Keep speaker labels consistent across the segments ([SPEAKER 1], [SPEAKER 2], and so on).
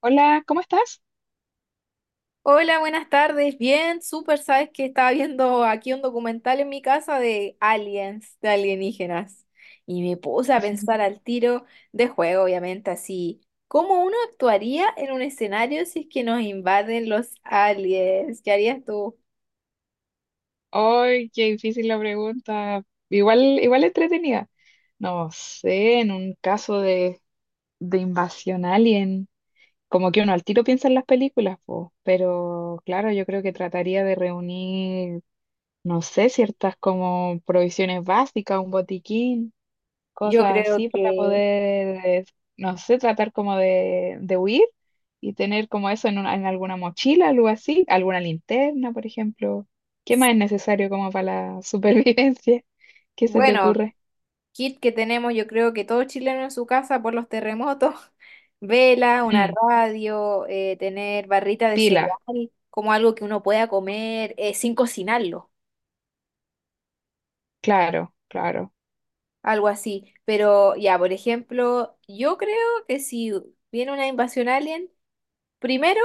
[SPEAKER 1] Hola, ¿cómo estás?
[SPEAKER 2] Hola, buenas tardes. Bien, súper. Sabes que estaba viendo aquí un documental en mi casa de aliens, de alienígenas. Y me puse a pensar al tiro de juego, obviamente, así. ¿Cómo uno actuaría en un escenario si es que nos invaden los aliens? ¿Qué harías tú?
[SPEAKER 1] Ay, qué difícil la pregunta. Igual, igual entretenida. No sé, en un caso de invasión alien, como que uno al tiro piensa en las películas, po, pero claro, yo creo que trataría de reunir, no sé, ciertas como provisiones básicas, un botiquín.
[SPEAKER 2] Yo
[SPEAKER 1] Cosas
[SPEAKER 2] creo
[SPEAKER 1] así para
[SPEAKER 2] que,
[SPEAKER 1] poder, no sé, tratar como de huir y tener como eso en alguna mochila, algo así, alguna linterna, por ejemplo. ¿Qué más es necesario como para la supervivencia? ¿Qué se te
[SPEAKER 2] bueno,
[SPEAKER 1] ocurre?
[SPEAKER 2] kit que tenemos, yo creo que todo chileno en su casa por los terremotos, vela, una
[SPEAKER 1] Mm,
[SPEAKER 2] radio, tener barrita de
[SPEAKER 1] pila,
[SPEAKER 2] cereal, como algo que uno pueda comer sin cocinarlo,
[SPEAKER 1] claro, claro.
[SPEAKER 2] algo así. Pero ya, por ejemplo, yo creo que si viene una invasión alien, primero,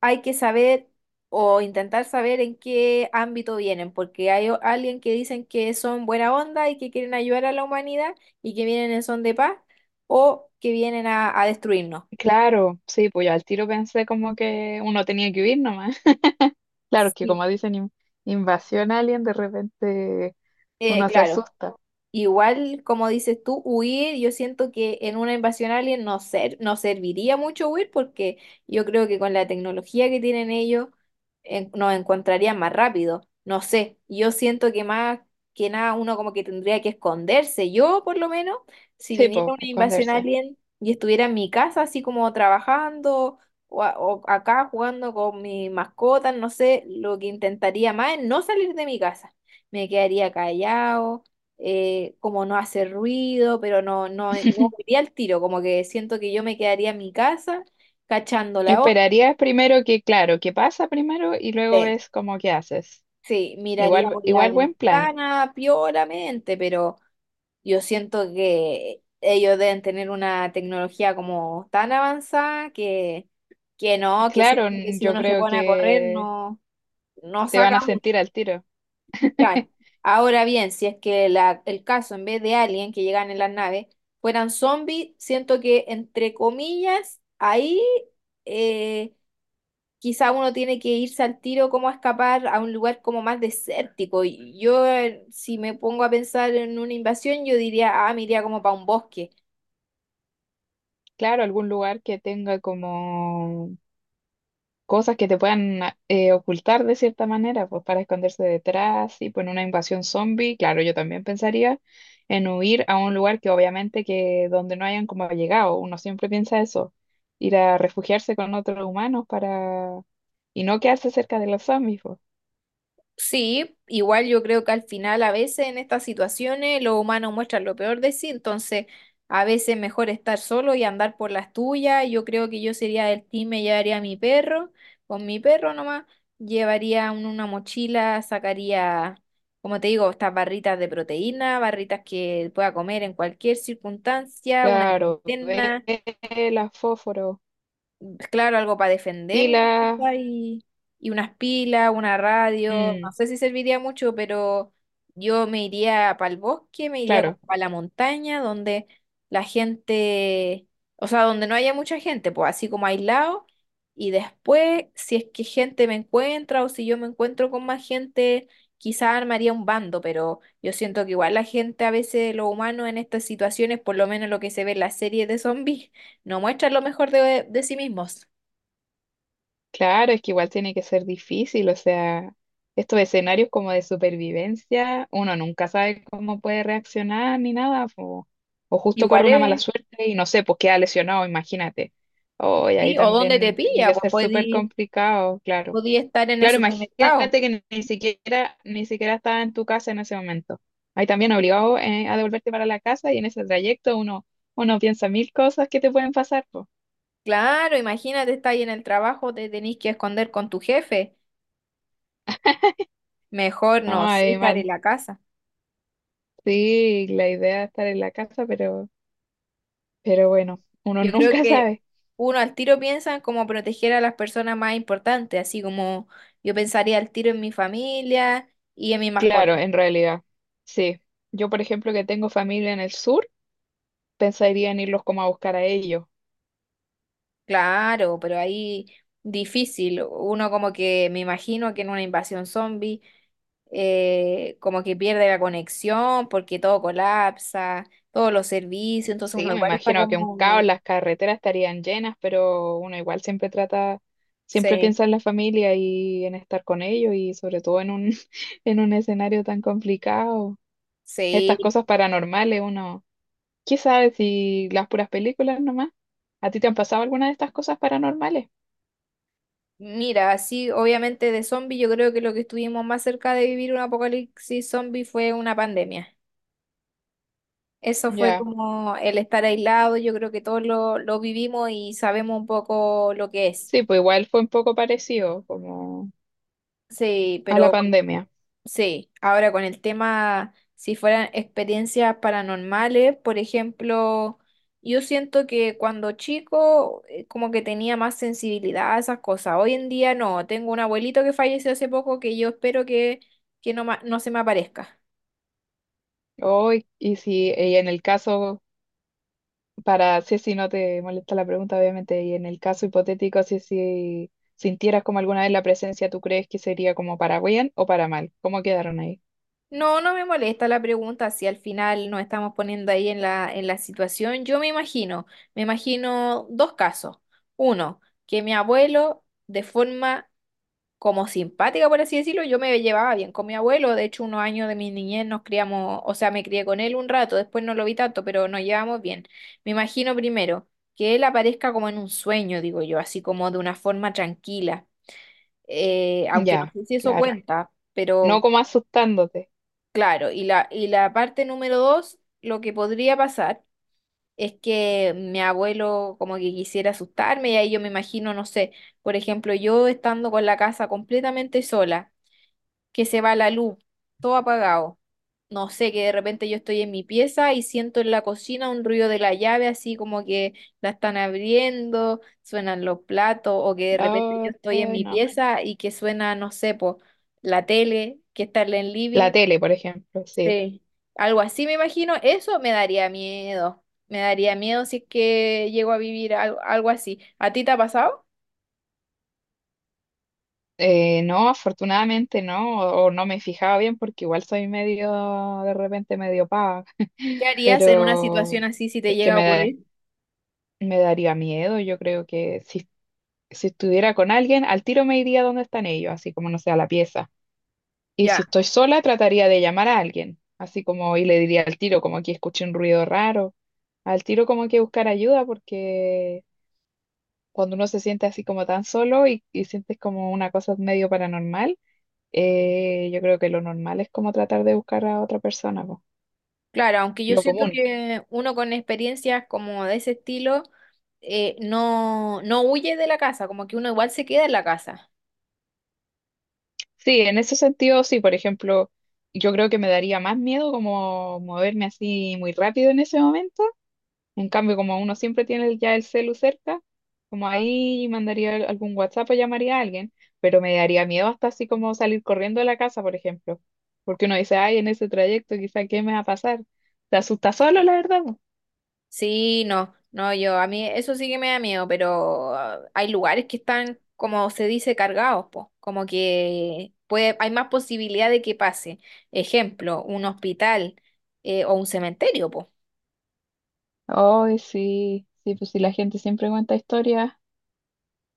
[SPEAKER 2] hay que saber o intentar saber en qué ámbito vienen, porque hay alguien que dicen que son buena onda y que quieren ayudar a la humanidad y que vienen en son de paz o que vienen a destruirnos.
[SPEAKER 1] Claro, sí, pues yo al tiro pensé como que uno tenía que huir nomás. Claro, es que
[SPEAKER 2] Sí.
[SPEAKER 1] como dicen invasión alien, de repente uno se
[SPEAKER 2] Claro.
[SPEAKER 1] asusta.
[SPEAKER 2] Igual, como dices tú, huir, yo siento que en una invasión alien no serviría mucho huir porque yo creo que con la tecnología que tienen ellos nos encontrarían más rápido. No sé, yo siento que más que nada uno como que tendría que esconderse. Yo, por lo menos, si
[SPEAKER 1] Sí,
[SPEAKER 2] viniera
[SPEAKER 1] pues,
[SPEAKER 2] una invasión
[SPEAKER 1] esconderse.
[SPEAKER 2] alien y estuviera en mi casa así como trabajando o, o acá jugando con mi mascota, no sé, lo que intentaría más es no salir de mi casa. Me quedaría callado, como no hacer ruido, pero no, no, no iría al tiro, como que siento que yo me quedaría en mi casa cachando la onda.
[SPEAKER 1] Esperarías primero que, claro, que pasa primero y luego
[SPEAKER 2] Sí,
[SPEAKER 1] ves cómo qué haces.
[SPEAKER 2] sí, miraría
[SPEAKER 1] Igual,
[SPEAKER 2] por la
[SPEAKER 1] igual buen plan.
[SPEAKER 2] ventana pioramente, pero yo siento que ellos deben tener una tecnología como tan avanzada que no, que
[SPEAKER 1] Claro,
[SPEAKER 2] siento que si
[SPEAKER 1] yo
[SPEAKER 2] uno se
[SPEAKER 1] creo
[SPEAKER 2] pone a correr
[SPEAKER 1] que
[SPEAKER 2] no, no
[SPEAKER 1] te van
[SPEAKER 2] saca.
[SPEAKER 1] a sentir al tiro.
[SPEAKER 2] Claro. Ahora bien, si es que el caso, en vez de alien que llegan en las naves, fueran zombies, siento que, entre comillas, ahí eh, quizá uno tiene que irse al tiro como a escapar a un lugar como más desértico. Y yo, si me pongo a pensar en una invasión, yo diría, ah, me iría como para un bosque.
[SPEAKER 1] Claro, algún lugar que tenga como cosas que te puedan ocultar de cierta manera, pues para esconderse detrás y pues en una invasión zombie, claro, yo también pensaría en huir a un lugar que obviamente que donde no hayan como llegado, uno siempre piensa eso, ir a refugiarse con otros humanos para y no quedarse cerca de los zombies, pues.
[SPEAKER 2] Sí, igual yo creo que al final a veces en estas situaciones los humanos muestran lo peor de sí, entonces a veces mejor estar solo y andar por las tuyas. Yo creo que yo sería del team, me llevaría a mi perro, con mi perro nomás, llevaría una mochila, sacaría, como te digo, estas barritas de proteína, barritas que pueda comer en cualquier circunstancia, una
[SPEAKER 1] Claro,
[SPEAKER 2] linterna,
[SPEAKER 1] velas, fósforos,
[SPEAKER 2] claro, algo para defenderme
[SPEAKER 1] pilas,
[SPEAKER 2] quizá, y unas pilas, una radio, no
[SPEAKER 1] mm,
[SPEAKER 2] sé si serviría mucho, pero yo me iría para el bosque, me iría como
[SPEAKER 1] claro.
[SPEAKER 2] para la montaña, donde la gente, o sea, donde no haya mucha gente, pues así como aislado, y después, si es que gente me encuentra o si yo me encuentro con más gente, quizá armaría un bando, pero yo siento que igual la gente, a veces los humanos en estas situaciones, por lo menos lo que se ve en las series de zombies, no muestran lo mejor de sí mismos.
[SPEAKER 1] Claro, es que igual tiene que ser difícil, o sea, estos escenarios como de supervivencia, uno nunca sabe cómo puede reaccionar ni nada, o justo corre
[SPEAKER 2] Igual
[SPEAKER 1] una mala
[SPEAKER 2] es,
[SPEAKER 1] suerte y no sé, pues queda lesionado, imagínate. Oh, y ahí
[SPEAKER 2] sí, o donde te
[SPEAKER 1] también tiene
[SPEAKER 2] pilla,
[SPEAKER 1] que
[SPEAKER 2] pues
[SPEAKER 1] ser súper complicado, claro.
[SPEAKER 2] podí estar en el
[SPEAKER 1] Claro,
[SPEAKER 2] supermercado.
[SPEAKER 1] imagínate que ni siquiera, ni siquiera estaba en tu casa en ese momento. Ahí también obligado, a devolverte para la casa y en ese trayecto uno piensa mil cosas que te pueden pasar, pues.
[SPEAKER 2] Claro, imagínate, estar ahí en el trabajo, te tenés que esconder con tu jefe. Mejor
[SPEAKER 1] No,
[SPEAKER 2] no sé,
[SPEAKER 1] hay
[SPEAKER 2] estar en
[SPEAKER 1] mal.
[SPEAKER 2] la casa.
[SPEAKER 1] Sí, la idea es estar en la casa, pero bueno, uno
[SPEAKER 2] Yo creo
[SPEAKER 1] nunca
[SPEAKER 2] que
[SPEAKER 1] sabe.
[SPEAKER 2] uno al tiro piensa en cómo proteger a las personas más importantes, así como yo pensaría al tiro en mi familia y en mi
[SPEAKER 1] Claro,
[SPEAKER 2] mascota.
[SPEAKER 1] en realidad, sí. Yo, por ejemplo, que tengo familia en el sur, pensaría en irlos como a buscar a ellos.
[SPEAKER 2] Claro, pero ahí difícil. Uno como que me imagino que en una invasión zombie como que pierde la conexión porque todo colapsa, todos los servicios, entonces uno
[SPEAKER 1] Sí, me
[SPEAKER 2] igual está
[SPEAKER 1] imagino que un
[SPEAKER 2] como...
[SPEAKER 1] caos, las carreteras estarían llenas, pero uno igual siempre trata, siempre
[SPEAKER 2] Sí,
[SPEAKER 1] piensa en la familia y en estar con ellos y sobre todo en un, en un escenario tan complicado. Estas
[SPEAKER 2] sí.
[SPEAKER 1] cosas paranormales, uno, ¿qué sabe si las puras películas nomás? ¿A ti te han pasado alguna de estas cosas paranormales?
[SPEAKER 2] Mira, así obviamente de zombie yo creo que lo que estuvimos más cerca de vivir un apocalipsis zombie fue una pandemia. Eso fue
[SPEAKER 1] Ya,
[SPEAKER 2] como el estar aislado, yo creo que todos lo vivimos y sabemos un poco lo que es.
[SPEAKER 1] sí, pues igual fue un poco parecido como
[SPEAKER 2] Sí,
[SPEAKER 1] a la
[SPEAKER 2] pero
[SPEAKER 1] pandemia.
[SPEAKER 2] sí, ahora con el tema, si fueran experiencias paranormales, por ejemplo, yo siento que cuando chico como que tenía más sensibilidad a esas cosas. Hoy en día no, tengo un abuelito que falleció hace poco que yo espero que no, no se me aparezca.
[SPEAKER 1] Hoy, y si y en el caso, para si no te molesta la pregunta, obviamente, y en el caso hipotético, si sintieras como alguna vez la presencia, ¿tú crees que sería como para bien o para mal? ¿Cómo quedaron ahí?
[SPEAKER 2] No, no me molesta la pregunta si al final nos estamos poniendo ahí en en la situación. Yo me imagino dos casos. Uno, que mi abuelo de forma como simpática, por así decirlo, yo me llevaba bien con mi abuelo. De hecho, unos años de mi niñez nos criamos, o sea, me crié con él un rato, después no lo vi tanto, pero nos llevamos bien. Me imagino primero que él aparezca como en un sueño, digo yo, así como de una forma tranquila, aunque no
[SPEAKER 1] Ya,
[SPEAKER 2] sé si eso
[SPEAKER 1] claro.
[SPEAKER 2] cuenta,
[SPEAKER 1] No
[SPEAKER 2] pero
[SPEAKER 1] como asustándote.
[SPEAKER 2] claro. Y la parte número dos, lo que podría pasar. Es que mi abuelo como que quisiera asustarme y ahí yo me imagino, no sé, por ejemplo, yo estando con la casa completamente sola, que se va la luz, todo apagado. No sé, que de repente yo estoy en mi pieza y siento en la cocina un ruido de la llave, así como que la están abriendo, suenan los platos, o que de repente yo estoy en
[SPEAKER 1] Ay,
[SPEAKER 2] mi
[SPEAKER 1] no.
[SPEAKER 2] pieza y que suena, no sé, po, la tele, que está en el
[SPEAKER 1] La
[SPEAKER 2] living.
[SPEAKER 1] tele, por ejemplo, sí.
[SPEAKER 2] Sí, algo así me imagino, eso me daría miedo. Me daría miedo si es que llego a vivir algo, así. ¿A ti te ha pasado?
[SPEAKER 1] No, afortunadamente no, o no me fijaba bien porque igual soy medio, de repente medio paga
[SPEAKER 2] ¿Qué harías en una situación
[SPEAKER 1] pero
[SPEAKER 2] así si te
[SPEAKER 1] es que
[SPEAKER 2] llega a ocurrir?
[SPEAKER 1] me daría miedo. Yo creo que si, si estuviera con alguien, al tiro me iría donde están ellos, así como no sea la pieza. Y
[SPEAKER 2] Ya.
[SPEAKER 1] si estoy sola, trataría de llamar a alguien, así como y le diría al tiro, como que escuché un ruido raro, al tiro como que buscar ayuda, porque cuando uno se siente así como tan solo y sientes como una cosa medio paranormal, yo creo que lo normal es como tratar de buscar a otra persona, po.
[SPEAKER 2] Claro, aunque yo
[SPEAKER 1] Lo
[SPEAKER 2] siento
[SPEAKER 1] común.
[SPEAKER 2] que uno con experiencias como de ese estilo, no, no huye de la casa, como que uno igual se queda en la casa.
[SPEAKER 1] Sí, en ese sentido, sí, por ejemplo, yo creo que me daría más miedo como moverme así muy rápido en ese momento. En cambio, como uno siempre tiene ya el celu cerca, como ahí mandaría algún WhatsApp o llamaría a alguien, pero me daría miedo hasta así como salir corriendo de la casa, por ejemplo, porque uno dice, ay, en ese trayecto quizá qué me va a pasar. Te asusta solo,
[SPEAKER 2] Sí.
[SPEAKER 1] la verdad. Po.
[SPEAKER 2] Sí, no, no, yo, a mí eso sí que me da miedo, pero ah, hay lugares que están, como se dice, cargados, po, como que puede, hay más posibilidad de que pase. Ejemplo, un hospital, o un cementerio, po.
[SPEAKER 1] Ay, sí, sí, pues si la gente siempre cuenta historias.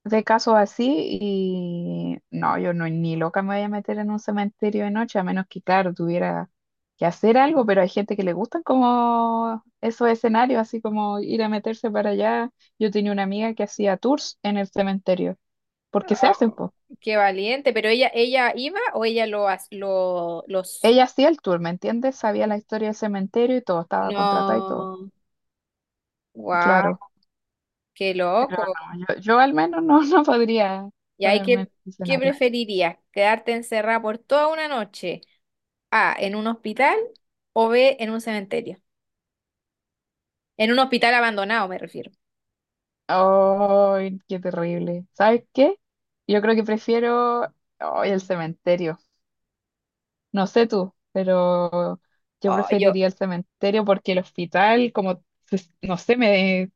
[SPEAKER 1] De casos así y no, yo no ni loca me voy a meter en un cementerio de noche, a menos que, claro, tuviera que hacer algo, pero hay gente que le gustan como esos escenarios, así como ir a meterse para allá. Yo tenía una amiga que hacía tours en el cementerio, porque se
[SPEAKER 2] Ah,
[SPEAKER 1] hacen, pues.
[SPEAKER 2] qué valiente, pero ella iba o ella lo, lo, los...
[SPEAKER 1] Ella hacía el tour, ¿me entiendes? Sabía la historia del cementerio y todo, estaba contratada y todo.
[SPEAKER 2] No. Wow.
[SPEAKER 1] Claro,
[SPEAKER 2] Qué
[SPEAKER 1] pero
[SPEAKER 2] loco.
[SPEAKER 1] no, yo al menos no, no podría
[SPEAKER 2] ¿Y ahí
[SPEAKER 1] ponerme en
[SPEAKER 2] qué,
[SPEAKER 1] ese
[SPEAKER 2] qué
[SPEAKER 1] escenario.
[SPEAKER 2] preferirías? ¿Quedarte encerrada por toda una noche? A, en un hospital o B, en un cementerio. En un hospital abandonado, me refiero.
[SPEAKER 1] Ay, qué terrible. ¿Sabes qué? Yo creo que prefiero ay, el cementerio. No sé tú, pero yo
[SPEAKER 2] Oh, yo,
[SPEAKER 1] preferiría el cementerio porque el hospital, como, se- no sé, me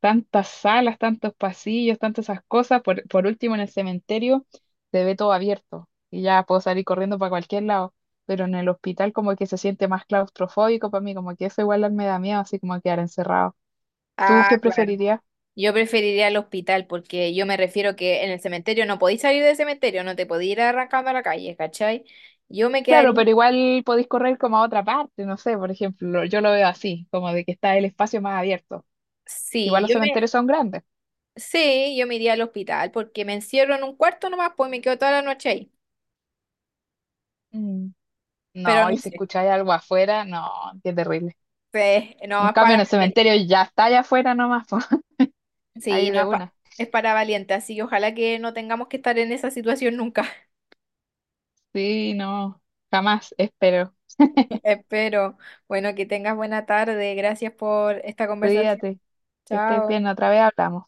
[SPEAKER 1] tantas salas, tantos pasillos, tantas esas cosas. Por último, en el cementerio se ve todo abierto y ya puedo salir corriendo para cualquier lado. Pero en el hospital como que se siente más claustrofóbico para mí, como que eso igual me da miedo, así como quedar encerrado. ¿Tú
[SPEAKER 2] ah,
[SPEAKER 1] qué
[SPEAKER 2] claro.
[SPEAKER 1] preferirías?
[SPEAKER 2] Yo preferiría el hospital porque yo me refiero que en el cementerio no podéis salir del cementerio, no te podéis ir arrancando a la calle, ¿cachai? Yo me
[SPEAKER 1] Claro,
[SPEAKER 2] quedaría,
[SPEAKER 1] pero igual podéis correr como a otra parte, no sé, por ejemplo, yo lo veo así, como de que está el espacio más abierto. Igual
[SPEAKER 2] sí,
[SPEAKER 1] los
[SPEAKER 2] yo me,
[SPEAKER 1] cementerios son grandes.
[SPEAKER 2] sí, yo me iría al hospital porque me encierro en un cuarto nomás, pues me quedo toda la noche ahí.
[SPEAKER 1] Mm.
[SPEAKER 2] Pero
[SPEAKER 1] No,
[SPEAKER 2] no
[SPEAKER 1] y si
[SPEAKER 2] sé,
[SPEAKER 1] escucháis algo afuera, no, qué terrible.
[SPEAKER 2] pues, no
[SPEAKER 1] En
[SPEAKER 2] es
[SPEAKER 1] cambio,
[SPEAKER 2] para...
[SPEAKER 1] en el cementerio ya está allá afuera nomás, po, ahí
[SPEAKER 2] Sí,
[SPEAKER 1] de
[SPEAKER 2] no,
[SPEAKER 1] una.
[SPEAKER 2] es para valientes así que ojalá que no tengamos que estar en esa situación nunca.
[SPEAKER 1] Sí, no, jamás, espero.
[SPEAKER 2] Espero. Bueno, que tengas buena tarde. Gracias por esta conversación.
[SPEAKER 1] Cuídate, que estés
[SPEAKER 2] Chao.
[SPEAKER 1] bien, otra vez hablamos.